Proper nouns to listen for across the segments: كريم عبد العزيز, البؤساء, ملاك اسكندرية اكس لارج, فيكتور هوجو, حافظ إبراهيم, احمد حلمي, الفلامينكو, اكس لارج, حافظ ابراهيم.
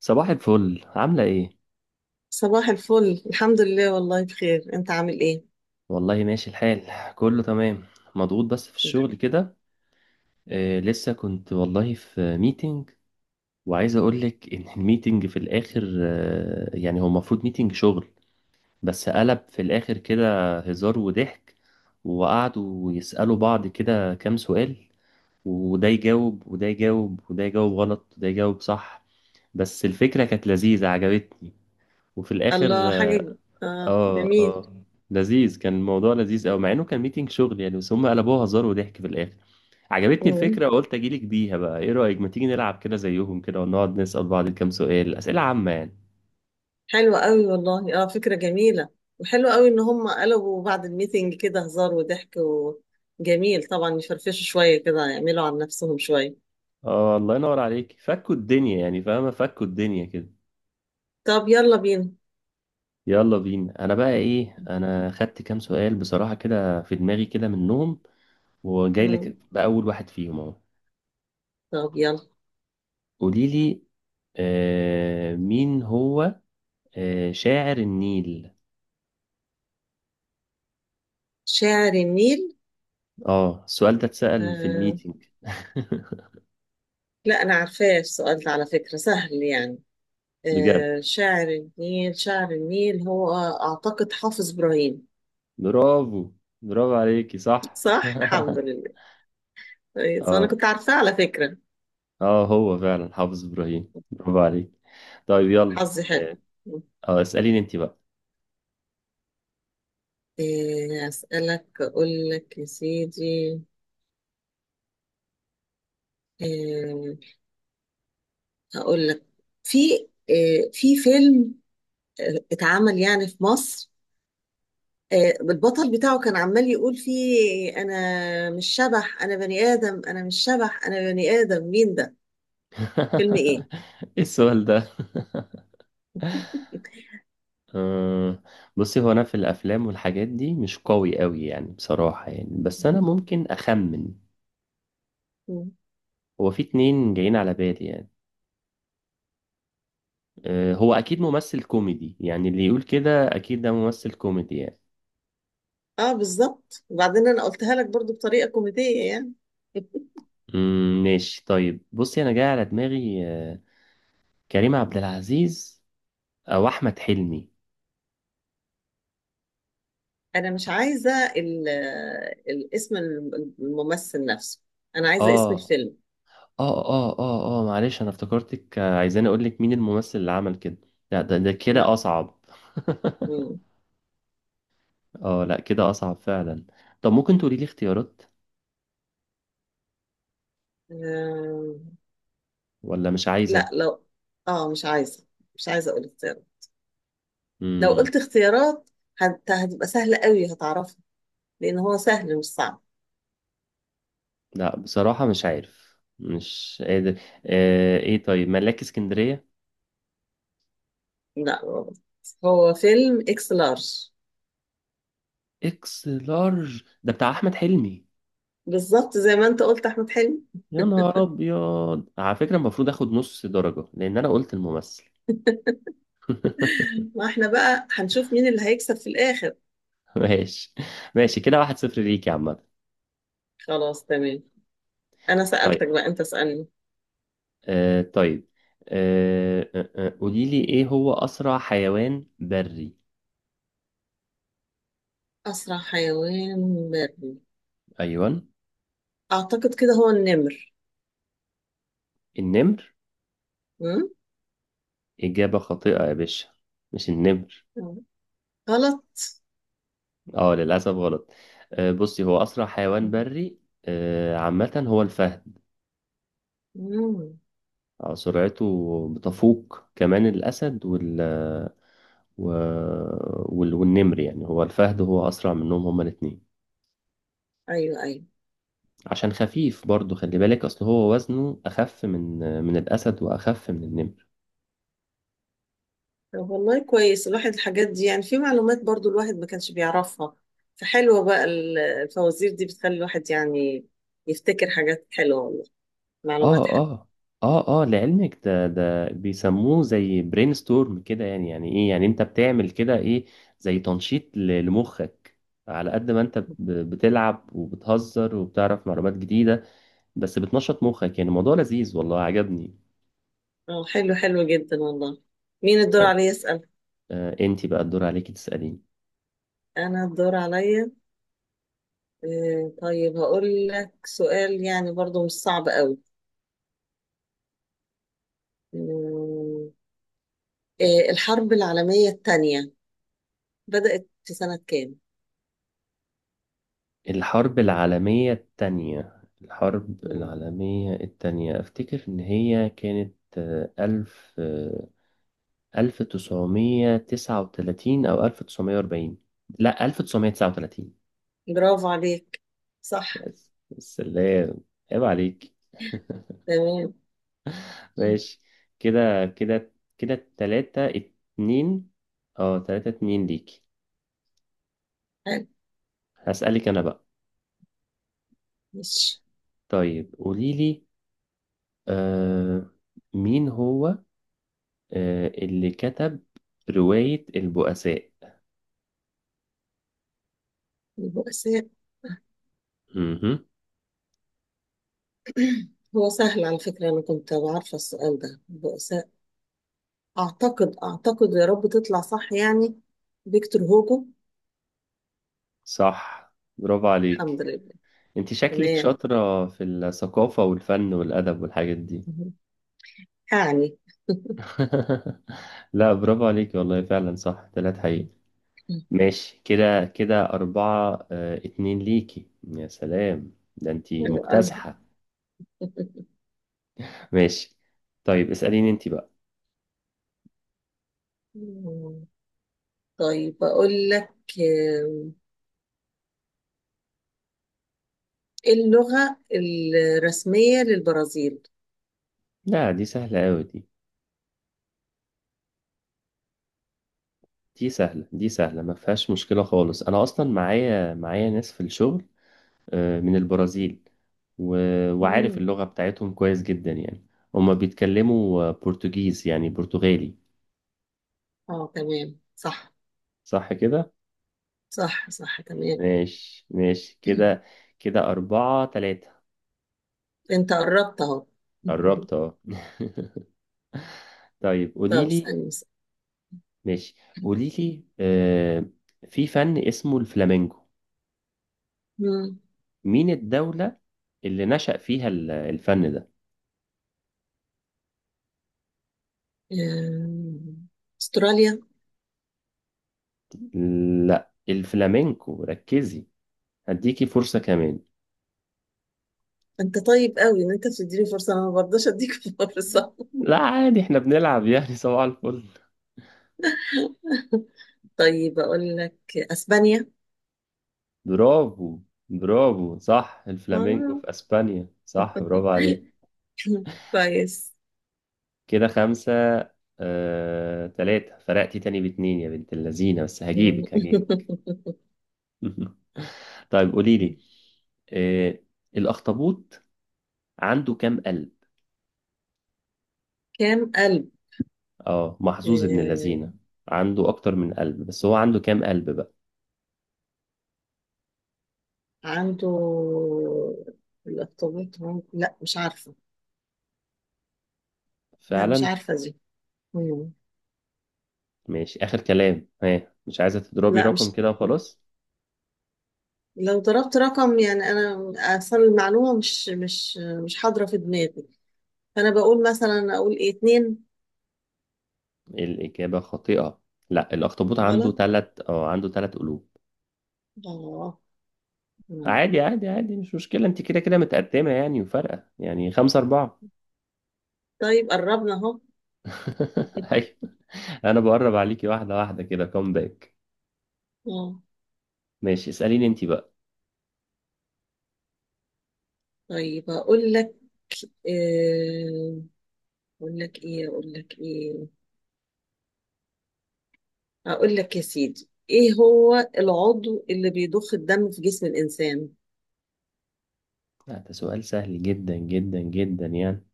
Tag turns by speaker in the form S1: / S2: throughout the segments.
S1: صباح الفل، عاملة ايه؟
S2: صباح الفل، الحمد لله، والله بخير، انت عامل ايه؟
S1: والله ماشي الحال، كله تمام. مضغوط بس في الشغل
S2: الحمد.
S1: كده. لسه كنت والله في ميتنج، وعايز اقولك ان الميتنج في الاخر يعني هو المفروض ميتنج شغل، بس قلب في الاخر كده هزار وضحك. وقعدوا يسألوا بعض كده كام سؤال، وده يجاوب وده يجاوب وده يجاوب غلط وده يجاوب صح. بس الفكرة كانت لذيذة، عجبتني. وفي الاخر،
S2: الله حاجة اه،
S1: اه
S2: جميل.
S1: اه، لذيذ كان الموضوع، لذيذ قوي، مع انه كان ميتنج شغل يعني، بس هم قلبوها هزار وضحك في الاخر. عجبتني
S2: مم.
S1: الفكره وقلت اجيلك بيها. بقى ايه رايك، ما تيجي نلعب كده زيهم كده ونقعد نسال بعض كام سؤال، اسئله عامه يعني.
S2: حلوة قوي والله، فكرة جميلة. وحلوة قوي ان هم قلبوا بعد الميتنج كده هزار وضحك. وجميل طبعا يفرفشوا شوية كده، يعملوا عن نفسهم شوية.
S1: اه، الله ينور عليك، فكوا الدنيا يعني، فاهمه، فكوا الدنيا كده.
S2: طب يلا بينا.
S1: يلا بينا. انا بقى ايه، انا خدت كام سؤال بصراحه كده في دماغي كده منهم، وجاي
S2: مم.
S1: لك باول واحد فيهم اهو.
S2: طب يلا.
S1: قولي لي، مين هو. شاعر النيل.
S2: شاعر النيل.
S1: اه، السؤال ده اتسأل في
S2: آه.
S1: الميتنج
S2: لا، انا عارفاه، السؤال ده على فكرة سهل يعني.
S1: بجد؟
S2: شاعر النيل، شاعر النيل هو أعتقد حافظ إبراهيم.
S1: برافو، برافو عليكي، صح
S2: صح، الحمد لله. كويس، أنا
S1: اه
S2: كنت عارفاه على فكرة.
S1: اه، هو فعلا حافظ ابراهيم، برافو عليك. طيب يلا
S2: حظي حلو.
S1: اه. اسأليني انت بقى.
S2: أسألك، أقول لك يا سيدي. آه، هقول لك في في فيلم اتعمل يعني في مصر، البطل بتاعه كان عمال يقول فيه: أنا مش شبح أنا بني آدم، أنا مش شبح أنا بني آدم، مين ده؟ فيلم إيه؟
S1: ايه السؤال ده؟ آه، بصي، هو انا في الافلام والحاجات دي مش قوي قوي يعني، بصراحة يعني، بس انا ممكن اخمن. هو في اتنين جايين على بالي يعني. هو اكيد ممثل كوميدي يعني، اللي يقول كده اكيد ده ممثل كوميدي يعني.
S2: اه بالظبط، وبعدين انا قلتها لك برضو بطريقه كوميديه يعني.
S1: مم، ماشي، طيب بصي، انا جاي على دماغي كريم عبد العزيز او احمد حلمي.
S2: انا مش عايزه الاسم، الممثل نفسه. انا عايزه اسم
S1: اه
S2: الفيلم.
S1: اه اه اه اه معلش، انا افتكرتك عايزاني اقول لك مين الممثل اللي عمل كده. لا، ده كده
S2: لا.
S1: اصعب.
S2: مم.
S1: اه، لا كده اصعب فعلا. طب ممكن تقولي لي اختيارات،
S2: آه،
S1: ولا مش
S2: لا،
S1: عايزة.
S2: لو اه مش عايزه اقول اختيارات. لو
S1: مم.
S2: قلت اختيارات هتبقى سهله قوي، هتعرفها، لان هو سهل مش صعب.
S1: لا بصراحة مش عارف، مش قادر. ايه، طيب ملاك اسكندرية.
S2: لا، غلط. هو فيلم اكس لارج.
S1: اكس لارج، ده بتاع احمد حلمي.
S2: بالظبط، زي ما انت قلت احمد حلمي.
S1: يا نهار ابيض، على فكره المفروض اخد نص درجه لان انا قلت الممثل
S2: ما احنا بقى هنشوف مين اللي هيكسب في الاخر.
S1: ماشي ماشي، كده 1-0 ليك يا عم.
S2: خلاص، تمام. انا
S1: طيب،
S2: سألتك بقى، انت اسألني.
S1: طيب، قولي لي ايه هو اسرع حيوان بري؟
S2: اسرع حيوان بري؟
S1: ايوه.
S2: اعتقد كده هو النمر.
S1: النمر؟
S2: مم؟
S1: اجابه خاطئه يا باشا، مش النمر.
S2: غلط.
S1: اه، للاسف غلط. بصي، هو اسرع حيوان بري، عامه هو الفهد.
S2: مم.
S1: سرعته بتفوق كمان الاسد و... والنمر يعني، هو الفهد هو أسرع منهم هما الاتنين.
S2: ايوه، ايوه.
S1: عشان خفيف برضو، خلي بالك، أصل هو وزنه أخف من الأسد وأخف من النمر.
S2: طب والله كويس الواحد، الحاجات دي يعني في معلومات برضو الواحد ما كانش بيعرفها. فحلوة بقى الفوازير دي بتخلي الواحد يعني يفتكر حاجات حلوة والله. معلومات
S1: آه
S2: حلوة.
S1: آه لعلمك، ده بيسموه زي برين ستورم كده. يعني يعني إيه يعني أنت بتعمل كده إيه؟ زي تنشيط لمخك. على قد ما أنت بتلعب وبتهزر وبتعرف معلومات جديدة بس بتنشط مخك. يعني الموضوع لذيذ، والله عجبني.
S2: اه، حلو حلو جدا والله. مين الدور
S1: طيب،
S2: عليا يسأل؟
S1: أنت بقى الدور عليكي تسأليني.
S2: انا الدور عليا. طيب، هقول لك سؤال يعني برضو مش صعب قوي. مم. إيه، الحرب العالمية الثانية بدأت في سنة كام؟
S1: الحرب العالمية التانية، الحرب
S2: مم.
S1: العالمية التانية أفتكر إن هي كانت، ألف، 1939 أو 1940. لا، 1939.
S2: برافو عليك. صح،
S1: بس اللي هي، عيب عليك.
S2: تمام. مم.
S1: ماشي، كده كده كده، 3-2. اه 3-2 ليك.
S2: حلو،
S1: هسألك أنا بقى.
S2: ماشي.
S1: طيب قوليلي، آه مين هو اللي كتب رواية البؤساء؟
S2: البؤساء.
S1: مهم.
S2: هو سهل على فكرة، أنا كنت عارفة السؤال ده، البؤساء أعتقد، يا رب تطلع صح يعني، فيكتور هوجو.
S1: صح، برافو عليك.
S2: الحمد لله.
S1: انت شكلك
S2: تمام.
S1: شاطرة في الثقافة والفن والأدب والحاجات دي.
S2: مم. يعني.
S1: لا برافو عليك والله، فعلا صح تلات حقيقي. ماشي كده كده، أربعة اتنين ليكي، يا سلام ده انت
S2: حلو أوي.
S1: مكتسحة ماشي، طيب اسأليني انت بقى.
S2: مم. طيب أقول لك آه، اللغة الرسمية للبرازيل؟
S1: لا دي سهلة أوي، دي سهلة، دي سهلة، ما فيهاش مشكلة خالص. أنا أصلا معايا، ناس في الشغل من البرازيل، وعارف
S2: مم.
S1: اللغة بتاعتهم كويس جدا يعني. هما بيتكلموا برتغيز يعني، برتغالي.
S2: اه، تمام، صح.
S1: صح كده؟
S2: صح، صح، تمام.
S1: ماشي ماشي، كده كده 4-3.
S2: انت قربت اهو.
S1: قربت اه طيب قولي
S2: طب،
S1: لي.
S2: اسألني اسألني.
S1: ماشي، قولي لي في فن اسمه الفلامينجو،
S2: مم.
S1: مين الدولة اللي نشأ فيها الفن ده؟
S2: آم، استراليا.
S1: لا الفلامينكو، ركزي، هديكي فرصة كمان.
S2: انت طيب قوي ان انت بتديني فرصة، انا ما برضاش اديك فرصة.
S1: لا عادي، احنا بنلعب يعني صباح الفل.
S2: طيب، اقول لك اسبانيا.
S1: برافو، برافو، صح، الفلامينكو
S2: آه.
S1: في اسبانيا، صح، برافو عليك.
S2: كويس.
S1: كده خمسة تلاتة، فرقتي تاني باتنين يا بنت اللذينة، بس
S2: مم.
S1: هجيبك هجيبك طيب قولي لي، آه، الاخطبوط عنده كام قلب؟
S2: كام قلب؟
S1: اه محظوظ ابن
S2: آه،
S1: اللذينة. عنده اكتر من قلب، بس هو عنده كام قلب بقى؟
S2: عنده الارتباط ممكن، لا مش عارفة. لا مش
S1: فعلا.
S2: عارفة دي. مم.
S1: ماشي، اخر كلام، ها، مش عايزة تضربي
S2: لا،
S1: رقم
S2: مش
S1: كده وخلاص؟
S2: لو ضربت رقم يعني، انا اصلا المعلومة مش حاضرة في دماغي. فانا بقول مثلا اقول ايه اتنين.
S1: الاجابة خاطئة. لا، الاخطبوط عنده
S2: غلط.
S1: تلات، عنده تلات قلوب.
S2: اه. مم.
S1: عادي عادي عادي، مش مشكلة، انت كده كده متقدمة يعني وفارقة يعني، 5-4.
S2: طيب، قربنا اهو.
S1: أيوة، أنا بقرب عليكي واحدة واحدة، كده كوم باك.
S2: اه،
S1: ماشي، اسأليني انت بقى.
S2: طيب اقول لك آه، اقول لك ايه اقول لك ايه اقول لك يا سيدي، ايه هو العضو اللي بيضخ الدم في جسم الانسان؟
S1: لا، ده سؤال سهل جدا جدا جدا يعني.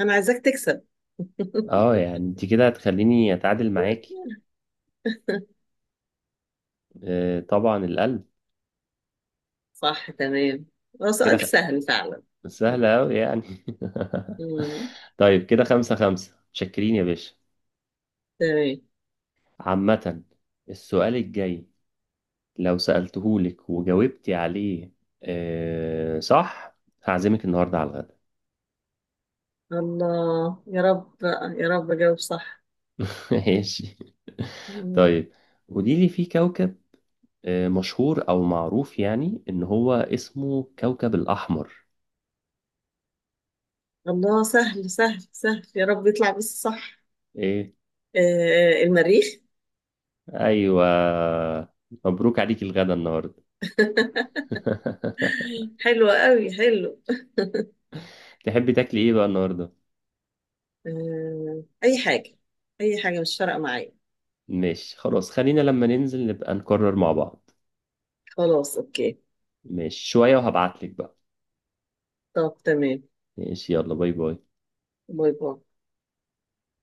S2: انا عايزاك تكسب.
S1: اه يعني انت كده هتخليني أتعادل معاكي. طبعا، القلب.
S2: صح، تمام. هو
S1: كده
S2: سؤال سهل فعلا.
S1: سهلة أوي يعني
S2: مم.
S1: طيب كده 5-5، شكرين يا باشا.
S2: تمام.
S1: عامة، السؤال الجاي لو سألتهولك وجاوبتي عليه صح، هعزمك النهارده على الغدا
S2: الله يا رب بقى، يا رب أجاوب صح.
S1: ماشي.
S2: مم.
S1: طيب قولي لي، في كوكب مشهور او معروف يعني، ان هو اسمه كوكب الاحمر.
S2: الله، سهل سهل سهل، يا رب يطلع بس صح.
S1: ايه؟
S2: آه المريخ.
S1: ايوه، مبروك عليك الغدا النهارده
S2: حلو قوي حلو.
S1: تحبي تاكلي ايه بقى النهارده؟
S2: آه، أي حاجة. أي حاجة مش فارقة معايا.
S1: ماشي خلاص، خلينا لما ننزل نبقى نكرر مع بعض.
S2: خلاص، أوكي.
S1: ماشي، شوية وهبعتلك بقى.
S2: طب، تمام.
S1: ماشي، يلا باي باي.
S2: باي باي.